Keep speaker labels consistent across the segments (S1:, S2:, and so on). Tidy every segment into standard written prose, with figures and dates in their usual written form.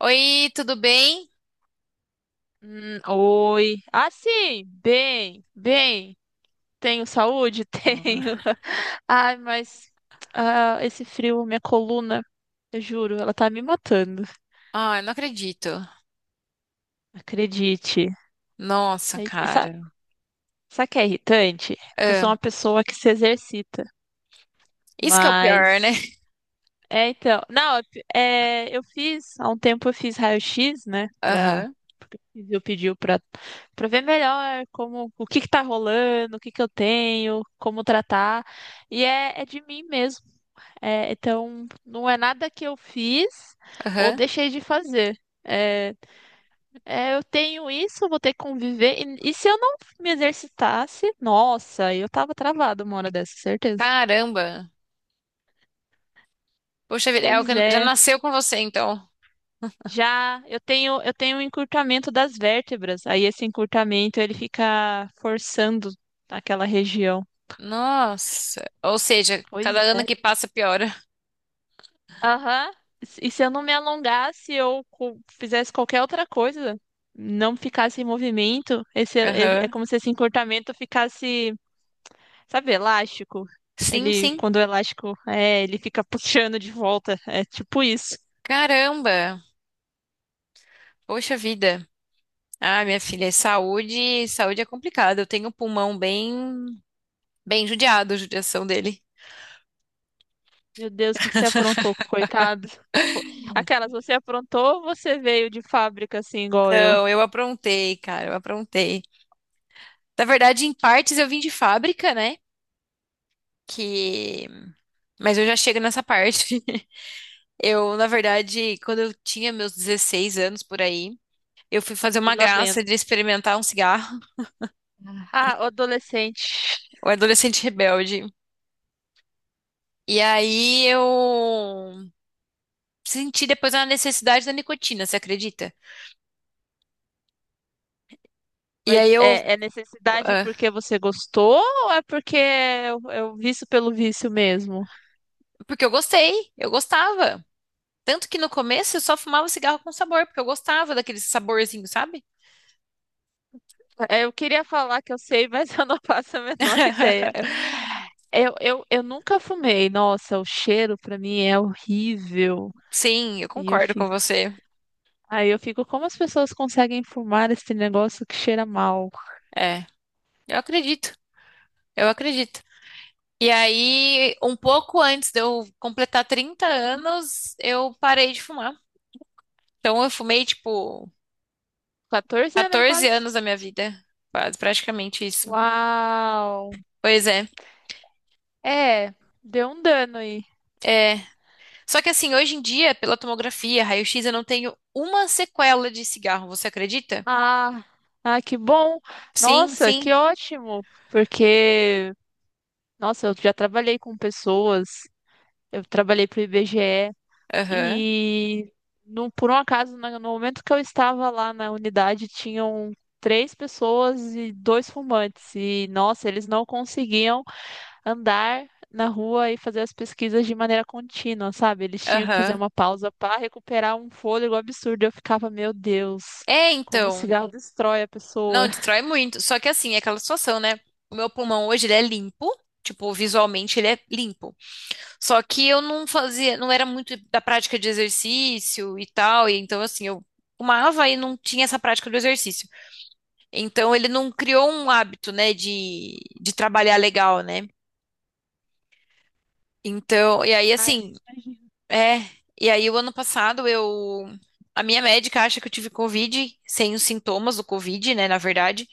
S1: Oi, tudo bem?
S2: Oi. Ah, sim, bem, bem. Tenho saúde? Tenho. Ai, mas esse frio, minha coluna, eu juro, ela tá me matando.
S1: Ah, eu não acredito.
S2: Acredite.
S1: Nossa,
S2: É, Sabe,
S1: cara.
S2: sabe o que é irritante? É que eu sou
S1: Ah,
S2: uma pessoa que se exercita,
S1: isso que é o pior, né?
S2: mas é, então. Não, é, eu fiz, há um tempo eu fiz raio-x, né?
S1: Aham,
S2: Porque o Fizio pediu pra ver melhor como, o que que tá rolando, o que que eu tenho, como tratar. E é de mim mesmo. É, então, não é nada que eu fiz ou
S1: aham.
S2: deixei de fazer. É, é, eu tenho isso, eu vou ter que conviver. E se eu não me exercitasse, nossa, eu tava travada uma hora dessa, certeza.
S1: Caramba. Poxa vida, é o
S2: Pois
S1: que já
S2: é.
S1: nasceu com você, então.
S2: Já eu tenho um encurtamento das vértebras. Aí esse encurtamento ele fica forçando aquela região.
S1: Nossa. Ou seja, cada
S2: Pois
S1: ano
S2: é.
S1: que passa piora.
S2: Aham. E se eu não me alongasse ou fizesse qualquer outra coisa, não ficasse em movimento, esse é
S1: Aham.
S2: como se esse encurtamento ficasse, sabe, elástico.
S1: Sim,
S2: Ele,
S1: sim.
S2: quando o elástico ele fica puxando de volta. É tipo isso.
S1: Caramba. Poxa vida. Ah, minha filha, saúde, saúde é complicado. Eu tenho o pulmão bem, bem judiado, a judiação dele.
S2: Meu Deus, o que você aprontou, coitado. Fo- Aquelas, você aprontou ou você veio de fábrica assim, igual eu?
S1: Não, eu aprontei, cara, eu aprontei. Na verdade, em partes eu vim de fábrica, né? Que... mas eu já chego nessa parte. Eu, na verdade, quando eu tinha meus 16 anos por aí, eu fui fazer
S2: E
S1: uma
S2: lá vendo.
S1: graça de experimentar um cigarro.
S2: Ah, o adolescente.
S1: O adolescente rebelde. E aí eu senti depois a necessidade da nicotina, você acredita? E aí
S2: Mas
S1: eu.
S2: é necessidade
S1: Ah,
S2: porque você gostou ou é porque é o vício pelo vício mesmo?
S1: porque eu gostei, eu gostava. Tanto que no começo eu só fumava cigarro com sabor, porque eu gostava daquele saborzinho, sabe?
S2: É, eu queria falar que eu sei, mas eu não faço a menor ideia. Eu nunca fumei. Nossa, o cheiro pra mim é horrível.
S1: Sim, eu
S2: E eu
S1: concordo com
S2: fico,
S1: você.
S2: aí eu fico, como as pessoas conseguem fumar esse negócio que cheira mal?
S1: É, eu acredito. Eu acredito. E aí, um pouco antes de eu completar 30 anos, eu parei de fumar. Então, eu fumei, tipo,
S2: 14 anos aí
S1: 14
S2: quase.
S1: anos da minha vida. Quase, praticamente isso.
S2: Uau!
S1: Pois é.
S2: É, deu um dano aí.
S1: É. Só que, assim, hoje em dia, pela tomografia, raio-x, eu não tenho uma sequela de cigarro. Você acredita?
S2: Ah, ah, que bom!
S1: Sim,
S2: Nossa,
S1: sim.
S2: que ótimo! Porque, nossa, eu já trabalhei com pessoas, eu trabalhei para o IBGE e,
S1: Aham.
S2: e, no, por um acaso, no momento que eu estava lá na unidade, tinham três pessoas e dois fumantes. E, nossa, eles não conseguiam andar na rua e fazer as pesquisas de maneira contínua, sabe? Eles tinham que fazer
S1: Aham.
S2: uma pausa para recuperar um fôlego absurdo. Eu ficava, meu Deus,
S1: É,
S2: como o
S1: então.
S2: cigarro destrói a pessoa.
S1: Não, destrói muito. Só que, assim, é aquela situação, né? O meu pulmão hoje, ele é limpo. Tipo, visualmente, ele é limpo. Só que eu não fazia, não era muito da prática de exercício e tal, e então assim, eu fumava e não tinha essa prática do exercício. Então ele não criou um hábito, né, de trabalhar legal, né? Então, e aí
S2: Ai, eu
S1: assim,
S2: imagino.
S1: é, e aí o ano passado eu. A minha médica acha que eu tive Covid, sem os sintomas do Covid, né, na verdade,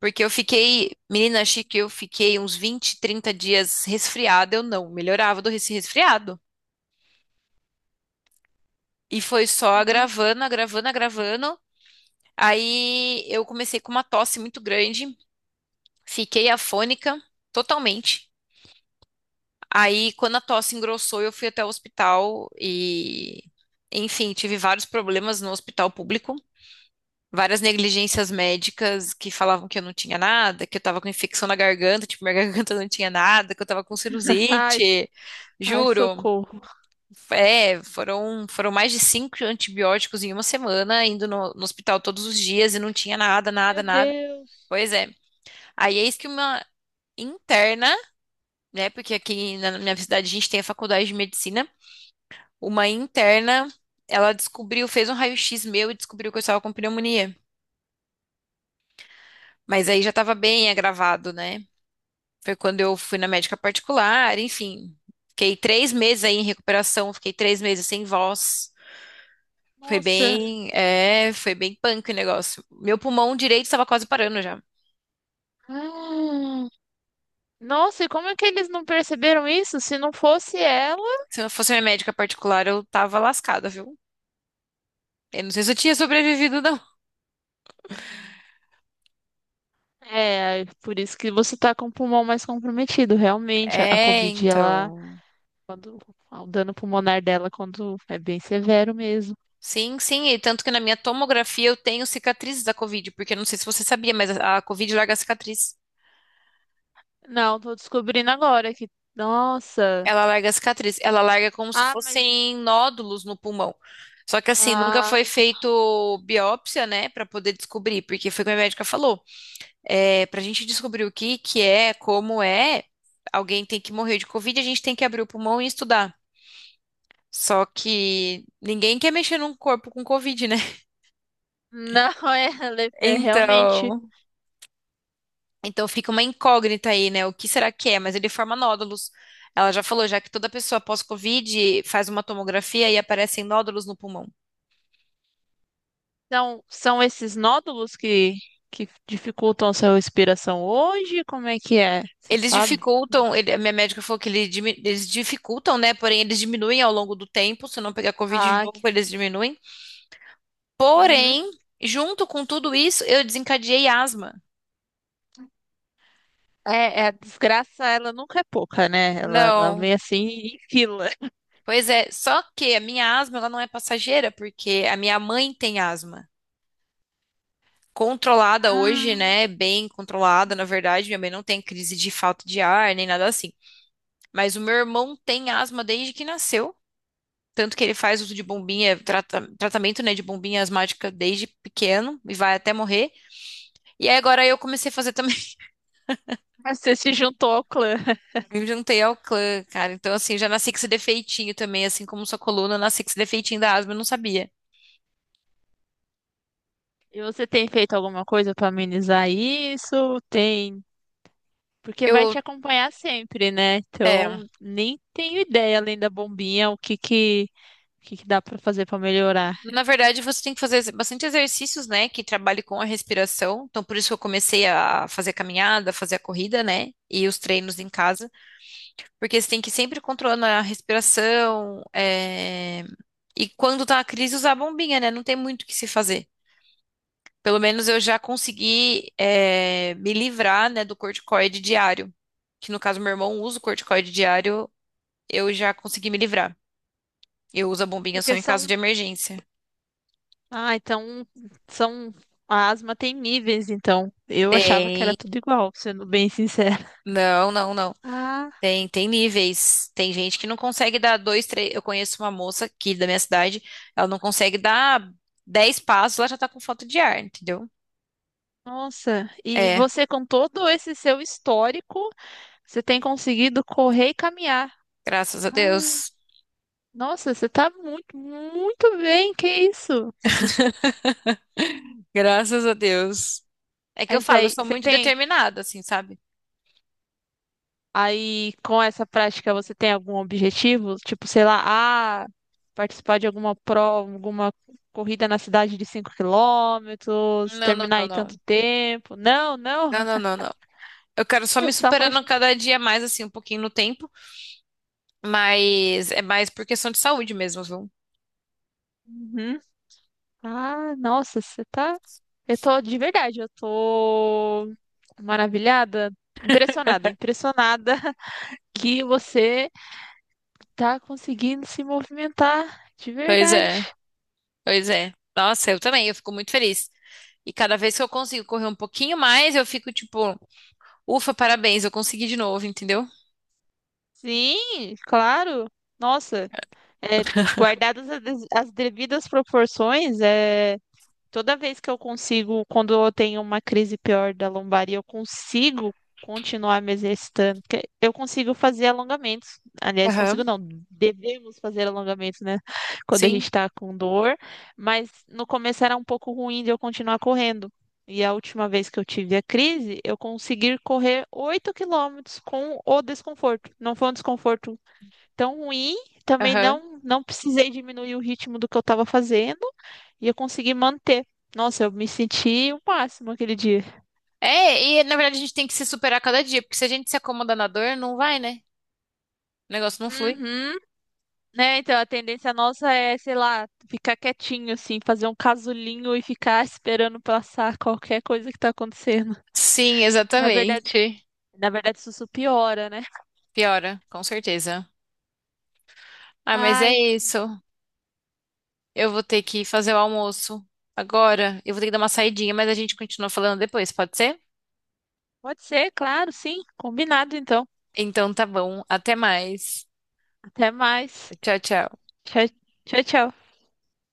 S1: porque eu fiquei, menina, achei que eu fiquei uns 20 30 dias resfriada, eu não melhorava do resfriado. E foi só
S2: Uhum.
S1: agravando, agravando, agravando. Aí eu comecei com uma tosse muito grande, fiquei afônica totalmente. Aí quando a tosse engrossou, eu fui até o hospital e, enfim, tive vários problemas no hospital público, várias negligências médicas que falavam que eu não tinha nada, que eu tava com infecção na garganta, tipo, minha garganta não tinha nada, que eu tava com
S2: Ai,
S1: sinusite,
S2: ai,
S1: juro.
S2: socorro.
S1: É, foram mais de cinco antibióticos em uma semana, indo no hospital todos os dias e não tinha nada, nada,
S2: Meu
S1: nada.
S2: Deus.
S1: Pois é. Aí eis que uma interna, né? Porque aqui na minha cidade a gente tem a faculdade de medicina. Uma interna, ela descobriu, fez um raio-x meu e descobriu que eu estava com pneumonia. Mas aí já estava bem agravado, né? Foi quando eu fui na médica particular, enfim. Fiquei 3 meses aí em recuperação, fiquei 3 meses sem voz. Foi
S2: Nossa.
S1: bem, é, foi bem punk o negócio. Meu pulmão direito estava quase parando já.
S2: Ah. Nossa, e como é que eles não perceberam isso? Se não fosse ela,
S1: Se eu fosse minha médica particular, eu tava lascada, viu? Eu não sei se eu tinha sobrevivido, não.
S2: é por isso que você tá com o pulmão mais comprometido. Realmente, a
S1: É,
S2: Covid, ela.
S1: então.
S2: Quando o dano pulmonar dela quando é bem severo mesmo.
S1: Sim, sim, e tanto que na minha tomografia eu tenho cicatrizes da Covid, porque eu não sei se você sabia, mas a Covid larga a cicatriz.
S2: Não, tô descobrindo agora que. Nossa!
S1: Ela larga a cicatriz, ela larga como se
S2: Ah, mas.
S1: fossem nódulos no pulmão. Só que assim, nunca
S2: Ah,
S1: foi feito biópsia, né, pra poder descobrir, porque foi o que a médica falou. Para a gente descobrir o que que é, como é, alguém tem que morrer de Covid, a gente tem que abrir o pulmão e estudar. Só que ninguém quer mexer num corpo com Covid, né?
S2: não, é, ela é realmente.
S1: Então, então fica uma incógnita aí, né? O que será que é? Mas ele forma nódulos. Ela já falou, já que toda pessoa pós-Covid faz uma tomografia e aparecem nódulos no pulmão.
S2: Então, são esses nódulos que dificultam a sua respiração hoje? Como é que é? Você
S1: Eles
S2: sabe?
S1: dificultam, ele- a minha médica falou que ele dimi- eles dificultam, né? Porém, eles diminuem ao longo do tempo. Se não pegar Covid de
S2: Ah,
S1: novo, eles diminuem.
S2: uhum.
S1: Porém, junto com tudo isso, eu desencadeei asma.
S2: É, a desgraça, ela nunca é pouca, né? Ela
S1: Não.
S2: vem assim em fila.
S1: Pois é, só que a minha asma ela não é passageira, porque a minha mãe tem asma. Controlada hoje,
S2: Ah,
S1: né? Bem controlada, na verdade. Minha mãe não tem crise de falta de ar, nem nada assim. Mas o meu irmão tem asma desde que nasceu. Tanto que ele faz uso de bombinha, tratamento, né, de bombinha asmática desde pequeno e vai até morrer. E aí agora eu comecei a fazer também.
S2: mas você se juntou ao clã.
S1: Eu juntei ao clã, cara. Então, assim, já nasci com esse defeitinho também, assim como sua coluna, eu nasci com esse defeitinho da asma, eu não sabia.
S2: E você tem feito alguma coisa para amenizar isso? Tem, porque vai
S1: Eu,
S2: te acompanhar sempre, né?
S1: é,
S2: Então, nem tenho ideia além da bombinha o que que dá para fazer para melhorar.
S1: na verdade, você tem que fazer bastante exercícios, né, que trabalhe com a respiração. Então, por isso que eu comecei a fazer a caminhada, fazer a corrida, né, e os treinos em casa, porque você tem que ir sempre controlando a respiração, é, e quando tá a crise, usar a bombinha, né, não tem muito o que se fazer. Pelo menos eu já consegui me livrar, né, do corticoide diário. Que no caso, meu irmão usa o corticoide diário, eu já consegui me livrar. Eu uso a bombinha só
S2: Porque
S1: em caso
S2: são,
S1: de emergência.
S2: ah, então são A asma tem níveis, então. Eu achava que
S1: Tem.
S2: era tudo igual, sendo bem sincera.
S1: Não, não, não.
S2: Ah,
S1: Tem, tem níveis. Tem gente que não consegue dar dois, três. Eu conheço uma moça aqui da minha cidade, ela não consegue dar 10 passos, ela já tá com falta de ar, entendeu?
S2: nossa. E
S1: É,
S2: você com todo esse seu histórico, você tem conseguido correr e caminhar.
S1: graças a Deus.
S2: Nossa, você tá muito, muito bem, que isso?
S1: Graças a Deus. É que eu
S2: Mas
S1: falo, eu
S2: aí,
S1: sou muito determinada, assim, sabe?
S2: aí com essa prática, você tem algum objetivo? Tipo, sei lá, ah, participar de alguma prova, alguma corrida na cidade de 5 quilômetros,
S1: Não, não,
S2: terminar
S1: não,
S2: em tanto
S1: não.
S2: tempo. Não, não,
S1: Não, não, não, não. Eu quero só me
S2: só faz.
S1: superando cada dia mais, assim, um pouquinho no tempo, mas é mais por questão de saúde mesmo, viu?
S2: Uhum. Ah, nossa, você tá. Eu tô maravilhada, impressionada, impressionada que você tá conseguindo se movimentar de
S1: Pois
S2: verdade.
S1: é, pois é. Nossa, eu também, eu fico muito feliz. E cada vez que eu consigo correr um pouquinho mais, eu fico tipo, ufa, parabéns, eu consegui de novo, entendeu?
S2: Sim, claro. Nossa, é, guardadas as devidas proporções, é. Toda vez que eu consigo, quando eu tenho uma crise pior da lombar e eu consigo continuar me exercitando, porque eu consigo fazer alongamentos. Aliás, consigo
S1: Aham,
S2: não, devemos fazer alongamentos, né? Quando a
S1: sim,
S2: gente tá com dor, mas no começo era um pouco ruim de eu continuar correndo. E a última vez que eu tive a crise, eu consegui correr 8 quilômetros com o desconforto. Não foi um desconforto tão ruim, também
S1: aham.
S2: não precisei diminuir o ritmo do que eu estava fazendo e eu consegui manter. Nossa, eu me senti o máximo aquele dia.
S1: É, e na verdade a gente tem que se superar cada dia, porque se a gente se acomoda na dor, não vai, né? O negócio não flui.
S2: Uhum. Né, então a tendência nossa é, sei lá, ficar quietinho assim, fazer um casulinho e ficar esperando passar qualquer coisa que tá acontecendo.
S1: Sim,
S2: E
S1: exatamente.
S2: na verdade isso só piora, né?
S1: Piora, com certeza. Ah, mas é
S2: Ai,
S1: isso. Eu vou ter que fazer o almoço agora. Eu vou ter que dar uma saidinha, mas a gente continua falando depois, pode ser?
S2: pode ser, claro, sim. Combinado então.
S1: Então tá bom. Até mais.
S2: Até mais.
S1: Tchau, tchau.
S2: Tchau, tchau, tchau.